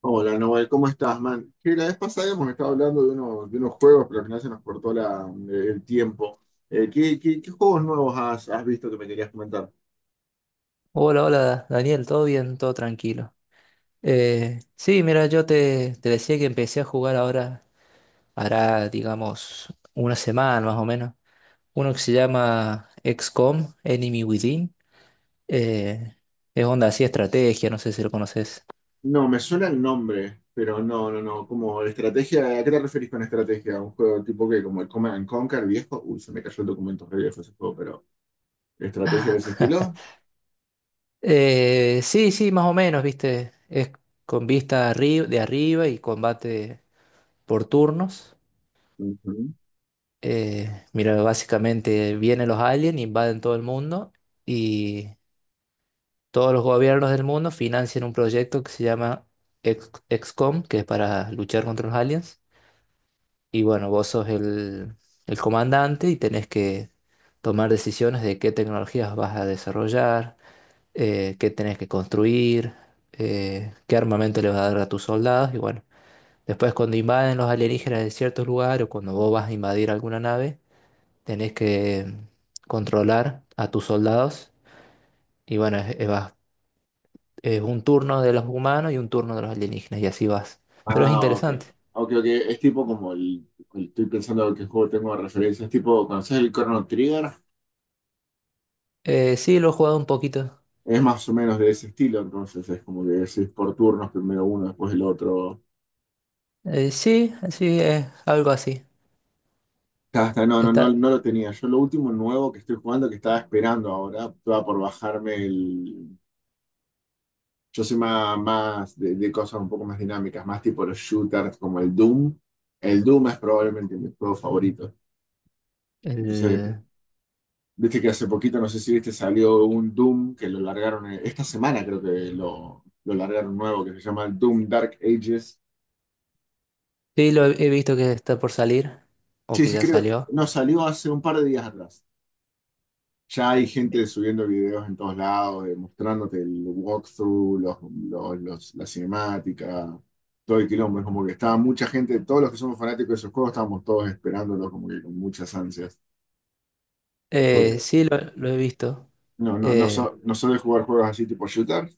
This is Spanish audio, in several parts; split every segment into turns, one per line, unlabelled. Hola, Noel, ¿cómo estás, man? Que la vez pasada hemos estado hablando de unos juegos, pero al final se nos cortó el tiempo. ¿Qué juegos nuevos has visto que me querías comentar?
Hola, hola, Daniel, todo bien, todo tranquilo. Sí, mira, yo te decía que empecé a jugar ahora, hará, digamos, una semana más o menos. Uno que se llama XCOM, Enemy Within. Eh, es onda así, estrategia, no sé si lo conoces.
No, me suena el nombre, pero no, no, no. Como estrategia, ¿a qué te referís con estrategia? ¿Un juego tipo que como el Command and Conquer viejo? Uy, se me cayó el documento re viejo ese juego, pero ¿estrategia de ese estilo?
Sí, sí, más o menos, viste. Es con vista de arriba y combate por turnos.
Ujú.
Mira, básicamente vienen los aliens, invaden todo el mundo. Todos los gobiernos del mundo financian un proyecto que se llama XCOM, que es para luchar contra los aliens. Y bueno, vos sos el comandante y tenés que tomar decisiones de qué tecnologías vas a desarrollar, qué tenés que construir, qué armamento le vas a dar a tus soldados. Y bueno, después cuando invaden los alienígenas de ciertos lugares o cuando vos vas a invadir alguna nave, tenés que controlar a tus soldados. Y bueno, es- vas es un turno de los humanos y un turno de los alienígenas y así vas. Pero es
Ah, ok.
interesante.
Ok, ok. Es tipo como estoy pensando en qué juego tengo de referencia. Es tipo, ¿conoces el Chrono Trigger?
Sí, lo he jugado un poquito.
Es más o menos de ese estilo, entonces es como que es por turnos, primero uno, después el otro.
Sí, sí, es algo así.
Ya está, no, no, no,
Está,
no lo tenía. Yo lo último nuevo que estoy jugando, que estaba esperando ahora, estaba por bajarme el. Yo soy más de cosas un poco más dinámicas, más tipo los shooters como el Doom. El Doom es probablemente mi juego favorito. Entonces,
el-
viste que hace poquito, no sé si viste, salió un Doom que lo largaron, esta semana creo que lo largaron nuevo, que se llama el Doom Dark Ages.
sí, lo he visto que está por salir o
Sí,
que
sí,
ya
creo,
salió.
no, salió hace un par de días atrás. Ya hay
Eh,
gente subiendo videos en todos lados, mostrándote el walkthrough, la cinemática, todo el quilombo. Es como que estaba mucha gente, todos los que somos fanáticos de esos juegos, estábamos todos esperándolo como que con muchas ansias. Porque
sí, lo he visto. Eh,
no suele jugar juegos así tipo shooter.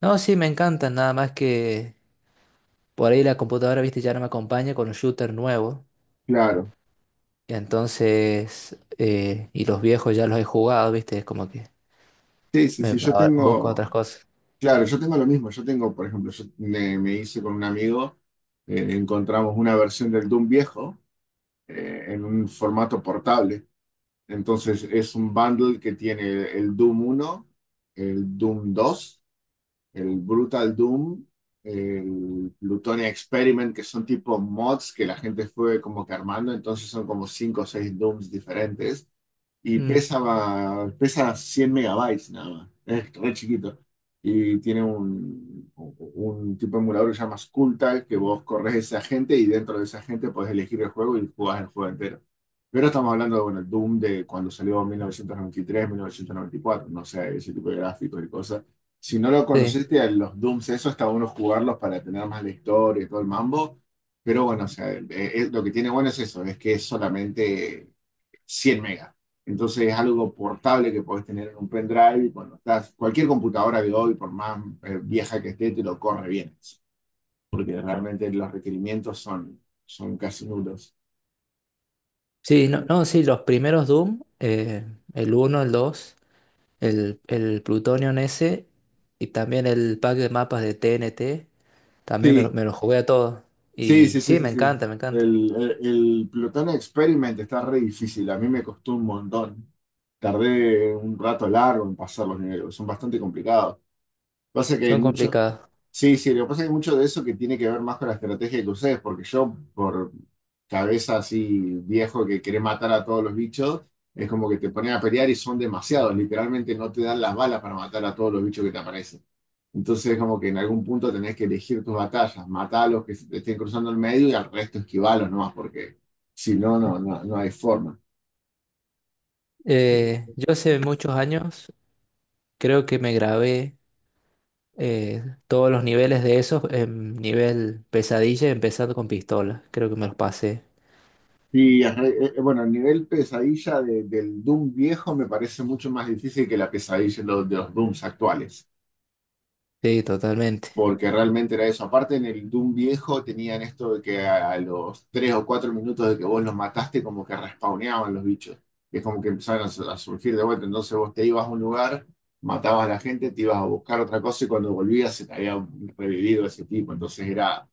no, sí, me encantan nada más que por ahí la computadora, viste, ya no me acompaña con un shooter nuevo.
Claro.
Entonces, y los viejos ya los he jugado, viste, es como que
Sí, sí, sí, yo
ahora busco otras
tengo,
cosas.
claro, yo tengo lo mismo. Yo tengo, por ejemplo, yo me hice con un amigo, encontramos una versión del Doom viejo, en un formato portable. Entonces es un bundle que tiene el Doom uno, el Doom 2, el Brutal Doom, el Plutonia Experiment, que son tipo mods que la gente fue como que armando, entonces son como 5 o 6 Dooms diferentes y
Mm,
pesa, pesa 100 MB nada más, es re chiquito. Y tiene un tipo de emulador que se llama Skulltag, que vos corres ese agente y dentro de ese agente podés elegir el juego y jugás el juego entero. Pero estamos hablando de, bueno, Doom de cuando salió en mil novecientos noventa y tres 1994, no sé, ese tipo de gráficos y cosas. Si no lo
sí.
conociste, a los Dooms, eso está bueno jugarlos para tener más la historia y todo el mambo. Pero bueno, o sea, lo que tiene bueno es eso, es que es solamente 100 megas. Entonces es algo portable que podés tener en un pendrive y cuando estás, cualquier computadora de hoy, por más vieja que esté, te lo corre bien, porque realmente los requerimientos son, son casi nulos.
Sí, no, no, sí, los primeros Doom, el uno, el 2, el Plutonium ese y también el pack de mapas de TNT, también me lo,
Sí,
me lo jugué a todos.
sí,
Y
sí, sí,
sí,
sí,
me
sí.
encanta, me encanta.
El Plutón Experiment está re difícil, a mí me costó un montón. Tardé un rato largo en pasar los niveles, son bastante complicados. Pasa que hay
Son
mucho.
complicados.
Sí, sí, lo que pasa es que mucho de eso que tiene que ver más con la estrategia que ustedes, porque yo, por cabeza así viejo que quiere matar a todos los bichos, es como que te ponen a pelear y son demasiados, literalmente no te dan las balas para matar a todos los bichos que te aparecen. Entonces es como que en algún punto tenés que elegir tus batallas, matar a los que se te estén cruzando el medio y al resto esquivalos nomás, porque si no, no hay forma.
Yo hace muchos años creo que me grabé todos los niveles de esos en nivel pesadilla, empezando con pistola. Creo que me los pasé.
Y ajá, bueno, el nivel pesadilla del Doom viejo me parece mucho más difícil que la pesadilla de los Dooms actuales.
Sí, totalmente.
Porque realmente era eso. Aparte, en el Doom viejo tenían esto de que a los 3 o 4 minutos de que vos los mataste, como que respawneaban los bichos. Y es como que empezaron a surgir de vuelta. Entonces vos te ibas a un lugar, matabas a la gente, te ibas a buscar otra cosa y cuando volvías se te había revivido ese tipo. Entonces era,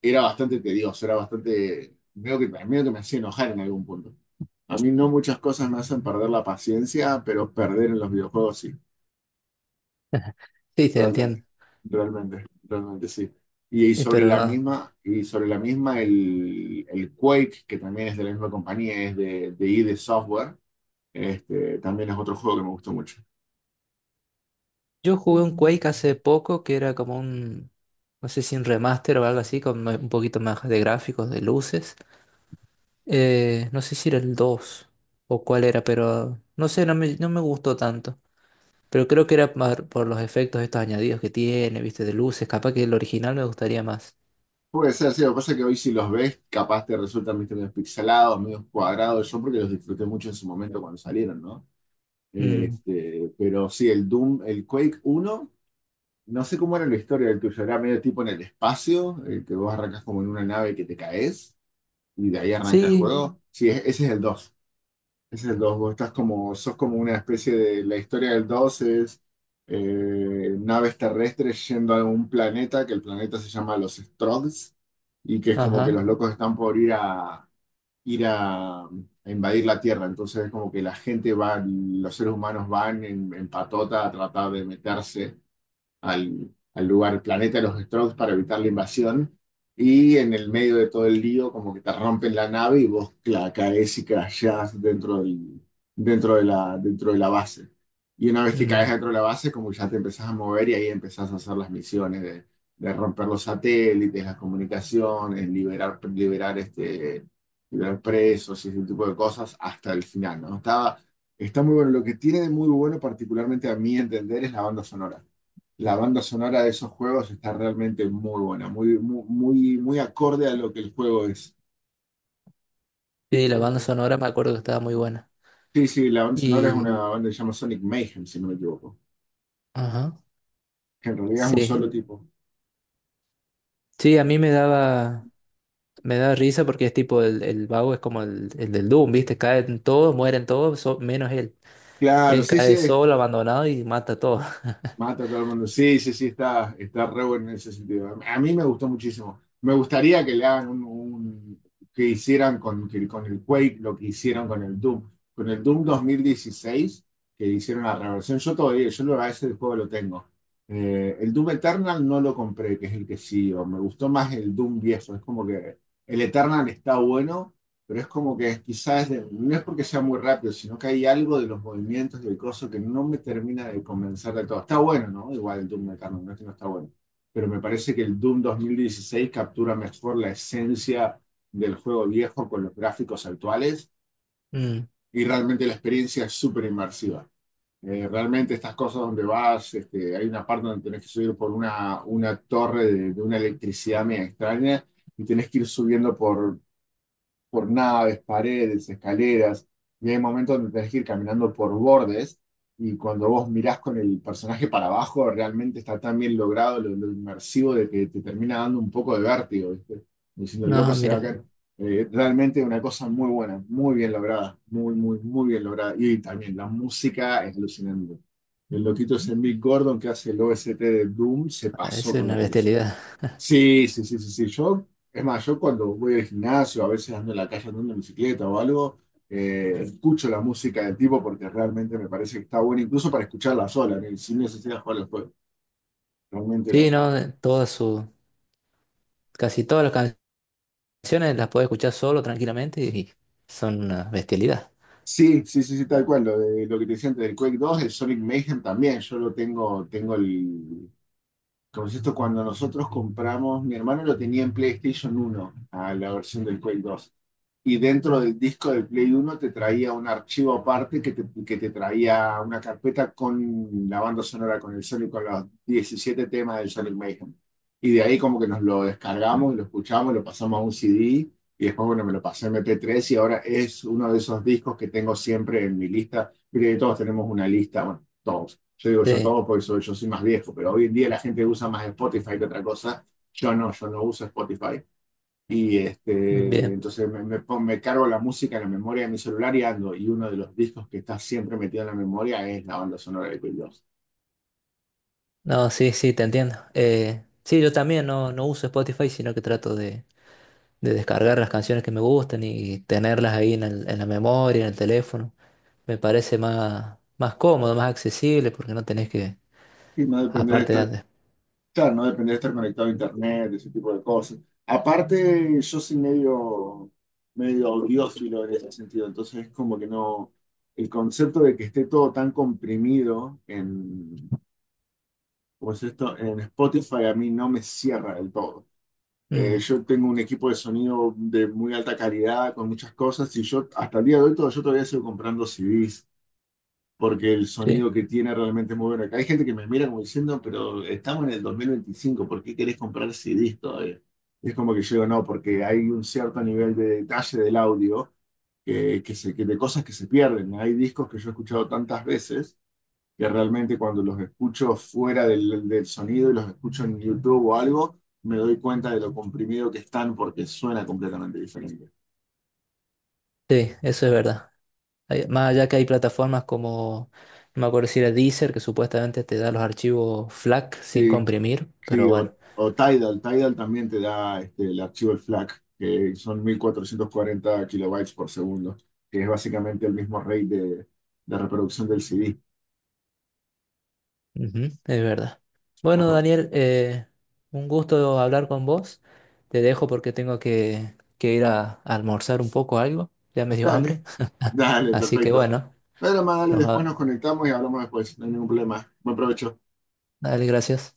era bastante tedioso, era bastante. Veo que, medio que me hacía enojar en algún punto. A mí no muchas cosas me hacen perder la paciencia, pero perder en los videojuegos sí.
Sí, te
Realmente,
entiendo.
realmente, realmente sí. Y sobre
Pero
la
no.
misma, el Quake, que también es de la misma compañía, es de ID Software, también es otro juego que me gustó mucho.
Yo jugué un Quake hace poco que era como un, no sé si un remaster o algo así, con un poquito más de gráficos, de luces. No sé si era el 2 o cuál era, pero no sé, no me gustó tanto. Pero creo que era más por los efectos estos añadidos que tiene, viste, de luces. Capaz que el original me gustaría más.
Puede ser, sí, lo que pasa es que hoy si los ves, capaz te resultan ¿viste? Medio pixelados, medio cuadrados, yo porque los disfruté mucho en su momento cuando salieron, ¿no?
Mm.
Pero sí, el Doom, el Quake uno no sé cómo era la historia del tuyo, era medio tipo en el espacio, el que vos arrancas como en una nave que te caes. Y de ahí arranca el
Sí,
juego. Sí, ese es el dos. Ese es el dos. Vos estás sos como una especie de, la historia del 2 es naves terrestres yendo a un planeta, que el planeta se llama los Strogs, y que es como que los
ajá.
locos están por ir a invadir la Tierra. Entonces es como que la gente va, los seres humanos van en patota a tratar de meterse al, al lugar, el planeta de los Strokes para evitar la invasión. Y en el medio de todo el lío, como que te rompen la nave y vos caes y crashás dentro del, dentro de la base. Y una vez que caes
Mm.
dentro de la base, como ya te empezás a mover y ahí empezás a hacer las misiones de romper los satélites, las comunicaciones, liberar, liberar presos y ese tipo de cosas hasta el final, ¿no? Está muy bueno. Lo que tiene de muy bueno, particularmente a mi entender, es la banda sonora. La banda sonora de esos juegos está realmente muy buena, muy, muy, muy, muy acorde a lo que el juego es.
Sí, la banda sonora me acuerdo que estaba muy buena.
Sí, sí, la banda sonora es
Y,
una banda que se llama Sonic Mayhem, si no me equivoco,
ajá.
que en realidad es un
Sí.
solo tipo.
Sí, a mí me daba. Me da risa porque es tipo el vago es como el del Doom, ¿viste? Caen todos, mueren todos, menos él.
Claro,
Él
sí, sí,
cae solo, abandonado y mata a todos.
mata a todo el mundo. Sí, sí, sí, está, está re bueno en ese sentido. A mí me gustó muchísimo. Me gustaría que le hagan un, que hicieran con el Quake lo que hicieron con el Doom. Con el Doom 2016 que hicieron la reversión. Yo todavía, a ese juego lo tengo. El Doom Eternal no lo compré, que es el que sigo. Me gustó más el Doom viejo. Es como que el Eternal está bueno, pero es como que quizás no es porque sea muy rápido, sino que hay algo de los movimientos del coso que no me termina de convencer de todo. Está bueno, ¿no? Igual el Doom Metal no es que no está bueno, pero me parece que el Doom 2016 captura mejor la esencia del juego viejo con los gráficos actuales
Mm.
y realmente la experiencia es súper inmersiva. Realmente estas cosas donde vas, hay una parte donde tenés que subir por una torre de una electricidad media extraña y tenés que ir subiendo por naves, paredes, escaleras, y hay momentos donde tenés que ir caminando por bordes, y cuando vos mirás con el personaje para abajo, realmente está tan bien logrado lo inmersivo de que te termina dando un poco de vértigo, ¿viste? Diciendo, el loco
No,
se va a
mira,
caer. Realmente una cosa muy buena, muy bien lograda, muy, muy, muy bien lograda. Y también la música es alucinante. El loquito ese Mick Gordon que hace el OST de Doom se
es
pasó con
una
lo que hizo.
bestialidad.
Sí, sí, sí, sí, sí. Yo, es más, yo cuando voy al gimnasio, a veces ando en la calle andando en bicicleta o algo, escucho la música del tipo porque realmente me parece que está buena, incluso para escucharla sola, ¿no? Sin necesidad de jugar al juego. Realmente
Sí,
no.
no, casi todas las canciones las puedes escuchar solo, tranquilamente, y son una bestialidad.
Sí, sí, sí, sí, tal cual. Lo que te decía antes del Quake 2, el Sonic Mayhem también. Yo lo tengo, tengo el. Como es esto, cuando nosotros compramos, mi hermano lo tenía en PlayStation 1, a la versión del Quake 2. Y dentro del disco del Play 1 te traía un archivo aparte que te traía una carpeta con la banda sonora, con el Sonic, con los 17 temas del Sonic Mayhem. Y de ahí como que nos lo descargamos y lo escuchamos, lo pasamos a un CD y después, bueno, me lo pasé a MP3 y ahora es uno de esos discos que tengo siempre en mi lista. Mire, todos tenemos una lista, bueno, todos. Yo digo yo
Sí,
todos porque yo soy más viejo, pero hoy en día la gente usa más Spotify que otra cosa. Yo no, yo no uso Spotify. Y
bien.
entonces me cargo la música en la memoria de mi celular y ando. Y uno de los discos que está siempre metido en la memoria es la banda sonora de Queen.
No, sí, sí, te entiendo. Sí, yo también no, no uso Spotify, sino que trato de descargar las canciones que me gustan y tenerlas ahí en en la memoria, en el teléfono. Me parece más, más cómodo, más accesible, porque no tenés que,
Y no depender de
aparte de
estar,
antes.
claro, no depender de estar conectado a internet, ese tipo de cosas. Aparte, yo soy medio, medio audiófilo en ese sentido. Entonces es como que no, el concepto de que esté todo tan comprimido en, ¿cómo es esto? En Spotify a mí no me cierra del todo.
Mm,
Yo tengo un equipo de sonido de muy alta calidad, con muchas cosas, y yo hasta el día de hoy todo, yo todavía sigo comprando CDs, porque el
sí,
sonido que tiene realmente es muy bueno. Acá hay gente que me mira como diciendo, pero estamos en el 2025, ¿por qué querés comprar CDs todavía? Y es como que yo digo, no, porque hay un cierto nivel de detalle del audio que de cosas que se pierden. Hay discos que yo he escuchado tantas veces que realmente cuando los escucho fuera del sonido y los escucho en YouTube o algo, me doy cuenta de lo comprimido que están porque suena completamente diferente.
sí, eso es verdad. Más allá que hay plataformas como, no me acuerdo si era Deezer, que supuestamente te da los archivos FLAC sin
Sí,
comprimir, pero
sí, o,
bueno,
o Tidal también te da el archivo el FLAC, que son 1440 kilobytes por segundo, que es básicamente el mismo rate de reproducción del CD.
ujú, es verdad. Bueno,
Arro-
Daniel, un gusto hablar con vos. Te dejo porque tengo que ir a almorzar un poco algo. Ya me dio
Dale,
hambre.
dale,
Así que
perfecto.
bueno,
Dale, más, dale,
nos,
después
va-
nos conectamos y hablamos después, no hay ningún problema. Buen provecho.
dale, gracias.